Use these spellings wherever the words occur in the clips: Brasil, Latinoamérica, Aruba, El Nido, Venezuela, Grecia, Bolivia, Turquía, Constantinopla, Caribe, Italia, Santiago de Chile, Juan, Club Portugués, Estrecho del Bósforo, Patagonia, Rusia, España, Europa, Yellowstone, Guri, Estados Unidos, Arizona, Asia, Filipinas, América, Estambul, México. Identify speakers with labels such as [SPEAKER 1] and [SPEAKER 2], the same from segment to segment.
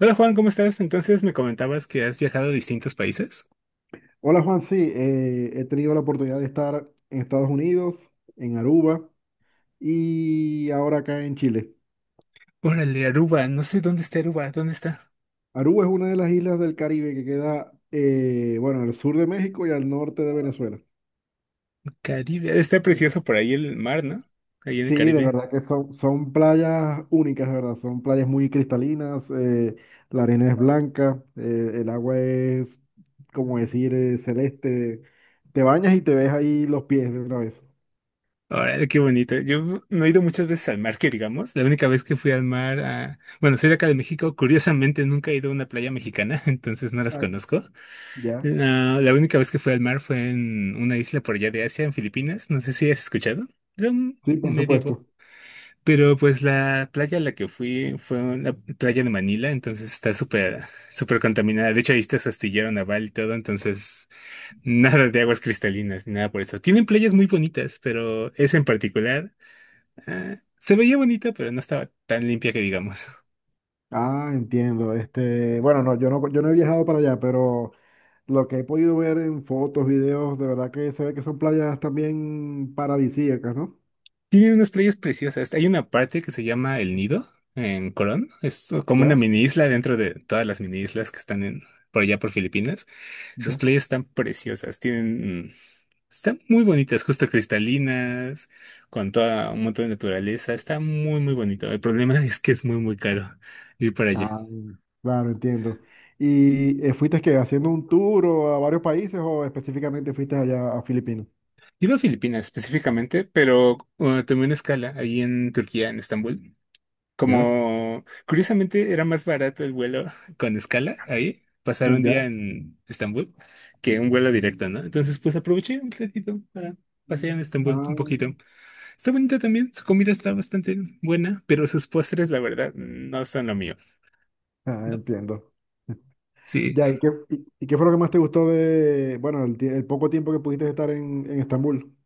[SPEAKER 1] Hola Juan, ¿cómo estás? Entonces me comentabas que has viajado a distintos países.
[SPEAKER 2] Hola Juan, sí, he tenido la oportunidad de estar en Estados Unidos, en Aruba y ahora acá en Chile.
[SPEAKER 1] Órale, Aruba, no sé dónde está Aruba, ¿dónde está?
[SPEAKER 2] Aruba es una de las islas del Caribe que queda, bueno, al sur de México y al norte de Venezuela.
[SPEAKER 1] Caribe, está precioso por ahí el mar, ¿no? Ahí en el
[SPEAKER 2] Sí, de
[SPEAKER 1] Caribe.
[SPEAKER 2] verdad que son playas únicas, de verdad, son playas muy cristalinas, la arena es blanca, el agua es, como decir, celeste. Te bañas y te ves ahí los pies de una vez.
[SPEAKER 1] Órale, qué bonito. Yo no he ido muchas veces al mar, que digamos. La única vez que fui al mar, a... bueno, soy de acá de México, curiosamente nunca he ido a una playa mexicana, entonces no las
[SPEAKER 2] Ah,
[SPEAKER 1] conozco.
[SPEAKER 2] ya,
[SPEAKER 1] La única vez que fui al mar fue en una isla por allá de Asia, en Filipinas, no sé si has escuchado. Es un
[SPEAKER 2] sí, por
[SPEAKER 1] medio.
[SPEAKER 2] supuesto.
[SPEAKER 1] Pero pues la playa a la que fui fue una playa de Manila, entonces está súper, súper contaminada. De hecho, ahí está su astillero naval y todo, entonces nada de aguas cristalinas ni nada por eso. Tienen playas muy bonitas, pero esa en particular se veía bonita, pero no estaba tan limpia que digamos.
[SPEAKER 2] Ah, entiendo. Este, bueno, no, yo no he viajado para allá, pero lo que he podido ver en fotos, videos, de verdad que se ve que son playas también paradisíacas, ¿no?
[SPEAKER 1] Tienen unas playas preciosas. Hay una parte que se llama El Nido en Corón. Es como una
[SPEAKER 2] ¿Ya?
[SPEAKER 1] mini isla dentro de todas las mini islas que están en, por allá por Filipinas. Sus
[SPEAKER 2] ¿Ya?
[SPEAKER 1] playas están preciosas. Tienen están muy bonitas, justo cristalinas, con toda un montón de naturaleza. Está muy, muy bonito. El problema es que es muy, muy caro ir para allá.
[SPEAKER 2] Ah, claro, entiendo. ¿Y fuiste que haciendo un tour o a varios países o específicamente fuiste allá a Filipinas?
[SPEAKER 1] Iba a Filipinas específicamente, pero tomé una escala ahí en Turquía, en Estambul.
[SPEAKER 2] ¿Ya?
[SPEAKER 1] Como curiosamente era más barato el vuelo con escala ahí, pasar un día
[SPEAKER 2] ¿Ya?
[SPEAKER 1] en Estambul, que un vuelo directo, ¿no? Entonces, pues aproveché un ratito para pasear en Estambul un
[SPEAKER 2] Ah,
[SPEAKER 1] poquito. Está bonita también, su comida está bastante buena, pero sus postres, la verdad, no son lo mío.
[SPEAKER 2] ah,
[SPEAKER 1] No,
[SPEAKER 2] entiendo.
[SPEAKER 1] sí,
[SPEAKER 2] Ya. ¿Y qué fue lo que más te gustó de, bueno, el poco tiempo que pudiste estar en Estambul?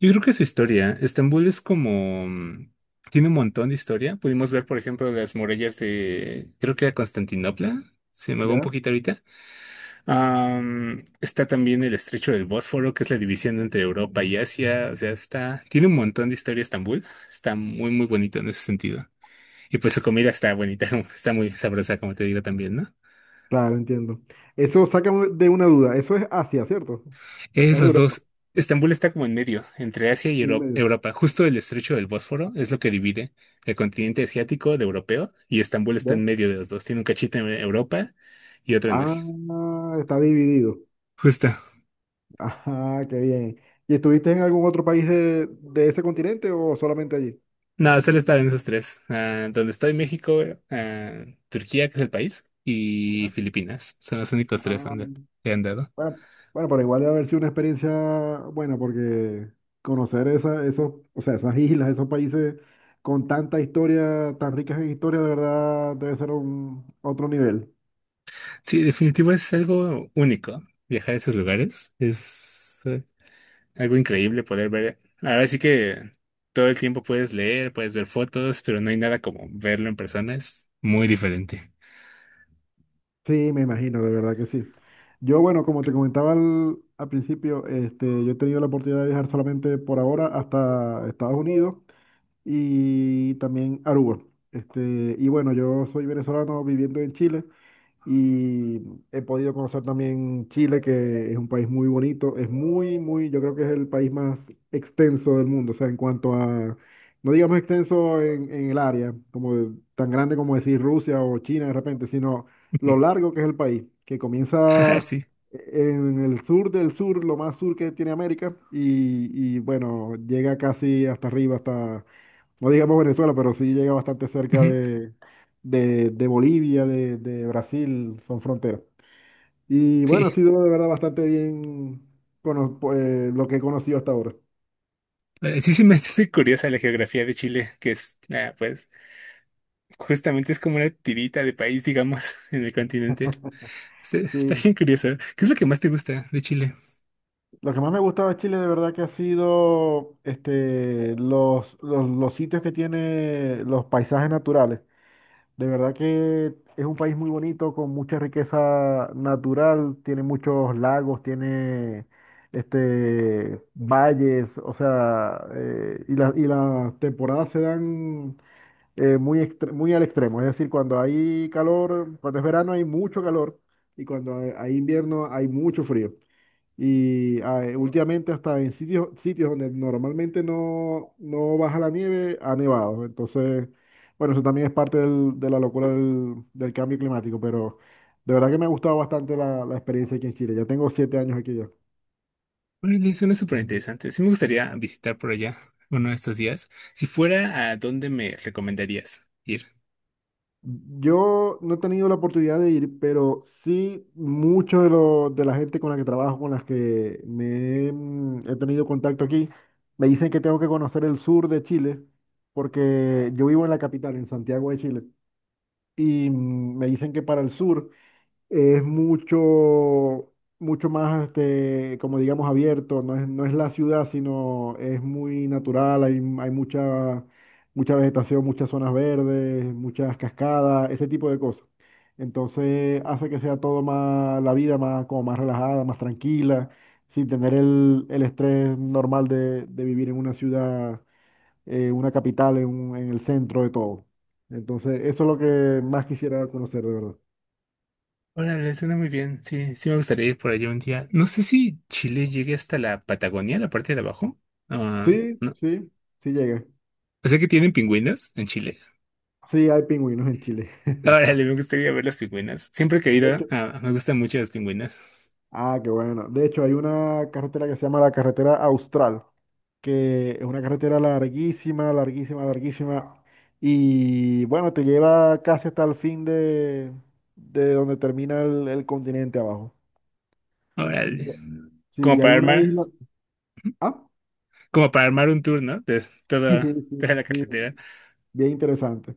[SPEAKER 1] yo creo que su historia, Estambul es como, tiene un montón de historia. Pudimos ver, por ejemplo, las murallas de, creo que era Constantinopla, se me va un
[SPEAKER 2] ¿Ya?
[SPEAKER 1] poquito ahorita. Está también el Estrecho del Bósforo, que es la división entre Europa y Asia, o sea, está, tiene un montón de historia Estambul, está muy, muy bonito en ese sentido. Y pues su comida está bonita, está muy sabrosa, como te digo también, ¿no?
[SPEAKER 2] Claro, entiendo. Eso saca de una duda. Eso es Asia, ¿cierto? No
[SPEAKER 1] Es
[SPEAKER 2] es
[SPEAKER 1] los
[SPEAKER 2] Europa,
[SPEAKER 1] dos. Estambul está como en medio, entre Asia y
[SPEAKER 2] en medio.
[SPEAKER 1] Europa. Justo el estrecho del Bósforo es lo que divide el continente asiático de europeo y Estambul está
[SPEAKER 2] ¿Ya?
[SPEAKER 1] en medio de los dos. Tiene un cachito en Europa y otro en Asia.
[SPEAKER 2] Ah, está dividido.
[SPEAKER 1] Justo.
[SPEAKER 2] Ajá, qué bien. ¿Y estuviste en algún otro país de ese continente o solamente allí?
[SPEAKER 1] No, solo está en esos tres. Ah, donde estoy, México, ah, Turquía, que es el país, y
[SPEAKER 2] Ya.
[SPEAKER 1] Filipinas. Son los únicos tres
[SPEAKER 2] Ah,
[SPEAKER 1] donde he andado.
[SPEAKER 2] bueno, bueno, pero igual debe haber sido una experiencia buena porque conocer esa, esos, o sea, esas islas, esos países con tanta historia, tan ricas en historia, de verdad debe ser un otro nivel.
[SPEAKER 1] Sí, definitivo es algo único. Viajar a esos lugares es... algo increíble poder ver. Ahora sí que todo el tiempo puedes leer, puedes ver fotos, pero no hay nada como verlo en persona. Es muy diferente.
[SPEAKER 2] Sí, me imagino, de verdad que sí. Yo, bueno, como te comentaba al principio, este, yo he tenido la oportunidad de viajar solamente por ahora hasta Estados Unidos y también Aruba. Este, y bueno, yo soy venezolano viviendo en Chile. Y he podido conocer también Chile, que es un país muy bonito. Es muy, muy, yo creo que es el país más extenso del mundo. O sea, en cuanto a, no digamos extenso en, el área, como tan grande como decir Rusia o China de repente, sino lo
[SPEAKER 1] Ujú.
[SPEAKER 2] largo que es el país, que
[SPEAKER 1] Ah,
[SPEAKER 2] comienza
[SPEAKER 1] sí.
[SPEAKER 2] en el sur del sur, lo más sur que tiene América, y, bueno, llega casi hasta arriba, no digamos Venezuela, pero sí llega bastante cerca
[SPEAKER 1] Ujú.
[SPEAKER 2] de Bolivia, de Brasil, son fronteras. Y bueno,
[SPEAKER 1] Sí.
[SPEAKER 2] ha sido de verdad bastante bien lo que he conocido hasta ahora.
[SPEAKER 1] Sí, sí me hace curiosa la geografía de Chile, que es, pues, justamente es como una tirita de país, digamos, en el continente. Está, está
[SPEAKER 2] Sí.
[SPEAKER 1] bien curiosa. ¿Qué es lo que más te gusta de Chile?
[SPEAKER 2] Lo que más me ha gustado de Chile de verdad que ha sido este, los sitios que tiene los paisajes naturales. De verdad que es un país muy bonito, con mucha riqueza natural, tiene muchos lagos, tiene este, valles, o sea, y las temporadas se dan muy al extremo, es decir, cuando hay calor, cuando es verano hay mucho calor y cuando hay invierno hay mucho frío. Y últimamente hasta en sitios, sitios donde normalmente no baja la nieve, ha nevado. Entonces, bueno, eso también es parte de la locura del cambio climático, pero de verdad que me ha gustado bastante la experiencia aquí en Chile. Ya tengo 7 años aquí ya.
[SPEAKER 1] Órale, suena súper interesante. Sí me gustaría visitar por allá uno de estos días. Si fuera, ¿a dónde me recomendarías ir?
[SPEAKER 2] Yo no he tenido la oportunidad de ir, pero sí mucho de la gente con la que trabajo, con las que he tenido contacto aquí, me dicen que tengo que conocer el sur de Chile, porque yo vivo en la capital, en Santiago de Chile. Y me dicen que para el sur es mucho, mucho más, este, como digamos, abierto, no es la ciudad, sino es muy natural, hay mucha vegetación, muchas zonas verdes, muchas cascadas, ese tipo de cosas. Entonces hace que sea todo más, la vida más, como más relajada, más tranquila, sin tener el estrés normal de vivir en una ciudad una capital en el centro de todo. Entonces, eso es lo que más quisiera conocer, de verdad.
[SPEAKER 1] Órale, suena muy bien. Sí, sí me gustaría ir por allá un día. No sé si Chile llegue hasta la Patagonia, la parte de abajo. Ah,
[SPEAKER 2] Sí,
[SPEAKER 1] no.
[SPEAKER 2] sí, sí llega.
[SPEAKER 1] Sé que tienen pingüinas en Chile.
[SPEAKER 2] Sí, hay pingüinos en Chile.
[SPEAKER 1] Órale, me gustaría ver las pingüinas. Siempre he
[SPEAKER 2] De
[SPEAKER 1] querido,
[SPEAKER 2] hecho,
[SPEAKER 1] me gustan mucho las pingüinas.
[SPEAKER 2] qué bueno. De hecho, hay una carretera que se llama la carretera Austral, que es una carretera larguísima, larguísima, larguísima. Y bueno, te lleva casi hasta el fin de donde termina el continente abajo.
[SPEAKER 1] Órale.
[SPEAKER 2] Ya. Sí,
[SPEAKER 1] Como
[SPEAKER 2] y hay
[SPEAKER 1] para
[SPEAKER 2] una
[SPEAKER 1] armar,
[SPEAKER 2] isla. Ah,
[SPEAKER 1] como para armar un tour, ¿no? De toda,
[SPEAKER 2] sí,
[SPEAKER 1] toda la
[SPEAKER 2] sí,
[SPEAKER 1] carretera.
[SPEAKER 2] bien interesante.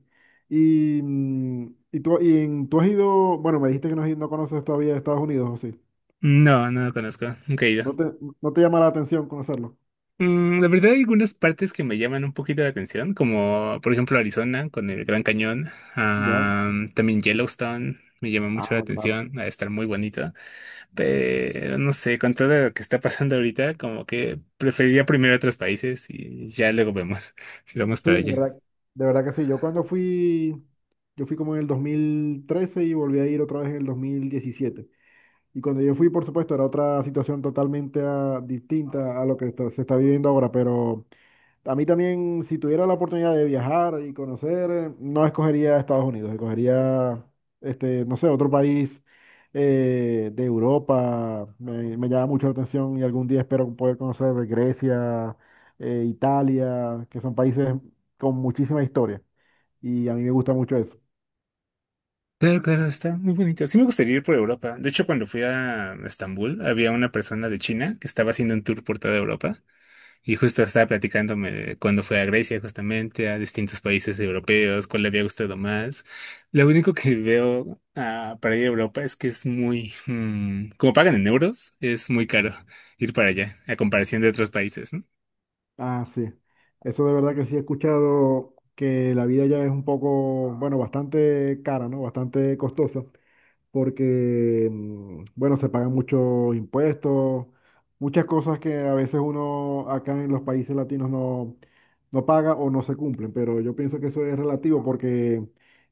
[SPEAKER 2] Tú has ido, bueno, me dijiste que no, no conoces todavía Estados Unidos, ¿o sí?
[SPEAKER 1] No, no lo conozco. Nunca he ido.
[SPEAKER 2] ¿No te, no te llama la atención conocerlo?
[SPEAKER 1] Mm, la verdad hay algunas partes que me llaman un poquito la atención, como por ejemplo Arizona con el Gran Cañón,
[SPEAKER 2] Ya.
[SPEAKER 1] también Yellowstone me llama mucho la
[SPEAKER 2] Ah, claro.
[SPEAKER 1] atención, va a estar muy bonito, pero no sé, con todo lo que está pasando ahorita, como que preferiría primero otros países y ya luego vemos si vamos
[SPEAKER 2] Sí,
[SPEAKER 1] para allá.
[SPEAKER 2] de verdad que sí. Yo fui como en el 2013 y volví a ir otra vez en el 2017. Y cuando yo fui, por supuesto, era otra situación totalmente distinta a lo que se está viviendo ahora, pero a mí también, si tuviera la oportunidad de viajar y conocer, no escogería Estados Unidos, escogería, este, no sé, otro país de Europa. Me llama mucho la atención y algún día espero poder conocer Grecia, Italia, que son países con muchísima historia. Y a mí me gusta mucho eso.
[SPEAKER 1] Claro, claro, está muy bonito. Sí me gustaría ir por Europa. De hecho, cuando fui a Estambul, había una persona de China que estaba haciendo un tour por toda Europa. Y justo estaba platicándome de cuando fue a Grecia, justamente, a distintos países europeos, cuál le había gustado más. Lo único que veo para ir a Europa es que es muy, como pagan en euros, es muy caro ir para allá, a comparación de otros países, ¿no?
[SPEAKER 2] Ah, sí. Eso de verdad que sí he escuchado que la vida ya es un poco, bueno, bastante cara, ¿no? Bastante costosa. Porque, bueno, se pagan muchos impuestos, muchas cosas que a veces uno acá en los países latinos no paga o no se cumplen, pero yo pienso que eso es relativo porque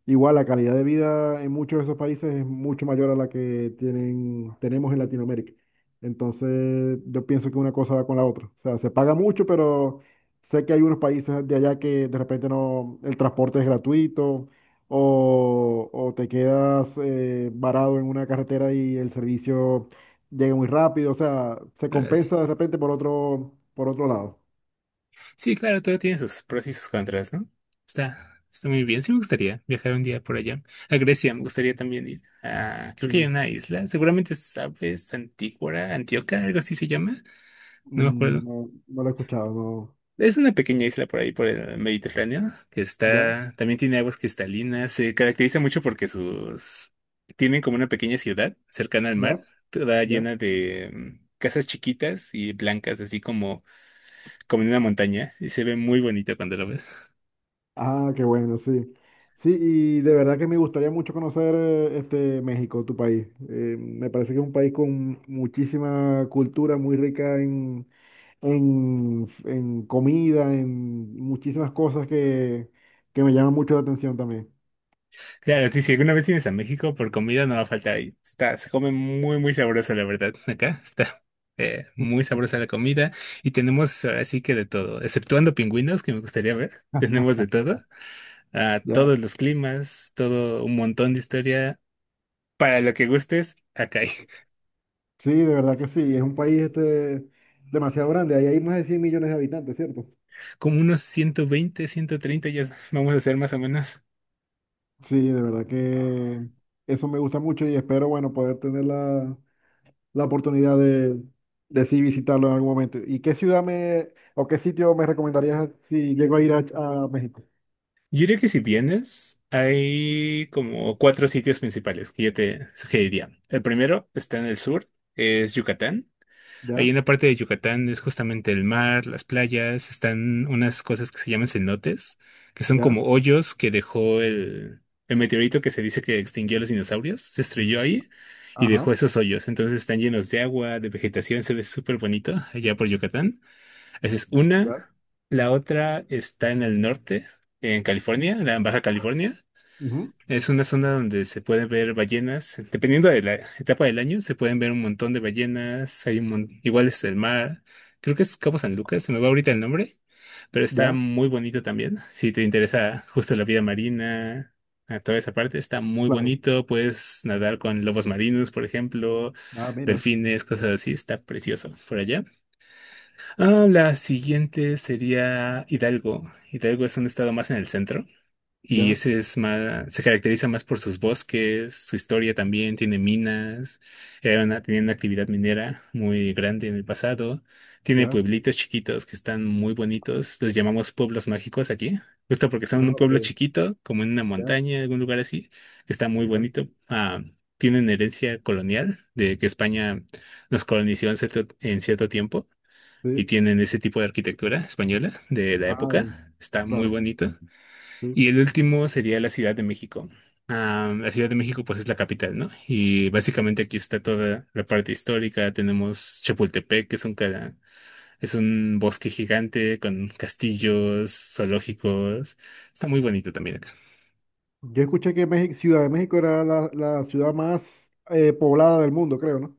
[SPEAKER 2] igual la calidad de vida en muchos de esos países es mucho mayor a la que tienen, tenemos en Latinoamérica. Entonces, yo pienso que una cosa va con la otra. O sea, se paga mucho, pero sé que hay unos países de allá que de repente no, el transporte es gratuito o te quedas varado en una carretera y el servicio llega muy rápido, o sea, se
[SPEAKER 1] Órale.
[SPEAKER 2] compensa de repente por otro lado.
[SPEAKER 1] Sí, claro, todo tiene sus pros y sus contras, ¿no? Está, está muy bien. Sí me gustaría viajar un día por allá. A Grecia me gustaría también ir. Ah, creo que hay
[SPEAKER 2] Sí.
[SPEAKER 1] una isla, seguramente sabes, Antígora, Antioquia, algo así se llama. No me acuerdo.
[SPEAKER 2] No, no lo he escuchado, no.
[SPEAKER 1] Es una pequeña isla por ahí, por el Mediterráneo, que
[SPEAKER 2] ¿Ya?
[SPEAKER 1] está, también tiene aguas cristalinas. Se caracteriza mucho porque sus, tienen como una pequeña ciudad cercana al mar,
[SPEAKER 2] ¿Ya?
[SPEAKER 1] toda
[SPEAKER 2] ¿Ya?
[SPEAKER 1] llena de casas chiquitas y blancas, así como, como en una montaña, y se ve muy bonito cuando lo ves.
[SPEAKER 2] Ah, qué bueno, sí. Sí, y de verdad que me gustaría mucho conocer este México, tu país. Me parece que es un país con muchísima cultura, muy rica en, comida, en muchísimas cosas que me llaman mucho la atención también.
[SPEAKER 1] Claro, sí, si alguna vez vienes a México, por comida no va a faltar ahí. Está, se come muy, muy sabroso, la verdad. Acá está muy sabrosa la comida y tenemos así que de todo, exceptuando pingüinos que me gustaría ver, tenemos de todo, a
[SPEAKER 2] Ya.
[SPEAKER 1] todos los climas, todo un montón de historia. Para lo que gustes, acá hay
[SPEAKER 2] Sí, de verdad que sí, es un país este, demasiado grande, ahí hay más de 100 millones de habitantes, ¿cierto?
[SPEAKER 1] como unos 120 130 ya vamos a hacer más o menos.
[SPEAKER 2] Sí, de verdad que eso me gusta mucho y espero, bueno, poder tener la oportunidad de sí visitarlo en algún momento. ¿Y qué ciudad me, o qué sitio me recomendarías si llego a ir a México?
[SPEAKER 1] Yo diría que si vienes, hay como cuatro sitios principales que yo te sugeriría. El primero está en el sur, es Yucatán. Ahí
[SPEAKER 2] Ya,
[SPEAKER 1] en la parte de Yucatán es justamente el mar, las playas, están unas cosas que se llaman cenotes, que son
[SPEAKER 2] ya,
[SPEAKER 1] como hoyos que dejó el meteorito que se dice que extinguió a los dinosaurios, se estrelló ahí y dejó
[SPEAKER 2] ajá,
[SPEAKER 1] esos hoyos. Entonces están llenos de agua, de vegetación, se ve súper bonito allá por Yucatán. Esa es
[SPEAKER 2] ya,
[SPEAKER 1] una. La otra está en el norte, en California, la en Baja California.
[SPEAKER 2] ujú,
[SPEAKER 1] Es una zona donde se pueden ver ballenas, dependiendo de la etapa del año, se pueden ver un montón de ballenas, hay un igual es el mar, creo que es Cabo San Lucas, se me va ahorita el nombre, pero está
[SPEAKER 2] ya,
[SPEAKER 1] muy bonito también, si te interesa justo la vida marina, a toda esa parte, está muy
[SPEAKER 2] claro.
[SPEAKER 1] bonito, puedes nadar con lobos marinos, por ejemplo,
[SPEAKER 2] Ah, mira,
[SPEAKER 1] delfines, cosas así, está precioso por allá. Ah, la siguiente sería Hidalgo, Hidalgo es un estado más en el centro. Y
[SPEAKER 2] ya,
[SPEAKER 1] ese es más, se caracteriza más por sus bosques, su historia también, tiene minas, era una, tenía una actividad minera muy grande en el pasado, tiene
[SPEAKER 2] ya.
[SPEAKER 1] pueblitos chiquitos que están muy bonitos, los llamamos pueblos mágicos aquí, justo porque son
[SPEAKER 2] Ah,
[SPEAKER 1] un
[SPEAKER 2] ok,
[SPEAKER 1] pueblo chiquito, como en una
[SPEAKER 2] ya,
[SPEAKER 1] montaña, algún lugar así, que está muy
[SPEAKER 2] ya,
[SPEAKER 1] bonito. Ah, tienen herencia colonial de que España nos colonizó en cierto tiempo y
[SPEAKER 2] sí.
[SPEAKER 1] tienen ese tipo de arquitectura española de la
[SPEAKER 2] Ah, ya,
[SPEAKER 1] época, está muy
[SPEAKER 2] claro,
[SPEAKER 1] bonito.
[SPEAKER 2] sí.
[SPEAKER 1] Y el último sería la Ciudad de México. Ah, la Ciudad de México, pues es la capital, ¿no? Y básicamente aquí está toda la parte histórica. Tenemos Chapultepec, que es un, es un bosque gigante con castillos, zoológicos. Está muy bonito también acá.
[SPEAKER 2] Yo escuché que México, Ciudad de México era la ciudad más poblada del mundo, creo, ¿no?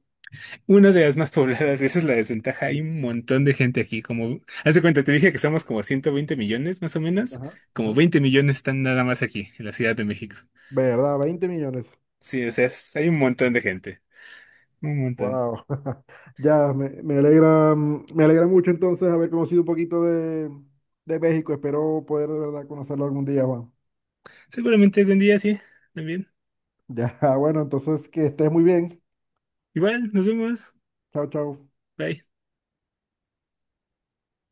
[SPEAKER 1] Una de las más pobladas, esa es la desventaja. Hay un montón de gente aquí, como, haz de cuenta, te dije que somos como 120 millones, más o menos.
[SPEAKER 2] Ajá,
[SPEAKER 1] Como
[SPEAKER 2] ajá.
[SPEAKER 1] 20 millones están nada más aquí, en la Ciudad de México.
[SPEAKER 2] ¿Verdad? 20 millones.
[SPEAKER 1] Sí, o sea, hay un montón de gente. Un montón.
[SPEAKER 2] Wow. Ya, me alegra mucho entonces haber conocido un poquito de México. Espero poder de verdad conocerlo algún día, Juan.
[SPEAKER 1] Seguramente algún día sí, también.
[SPEAKER 2] Ya, bueno, entonces que estés muy bien.
[SPEAKER 1] Igual, nos vemos.
[SPEAKER 2] Chao, chao.
[SPEAKER 1] Bye.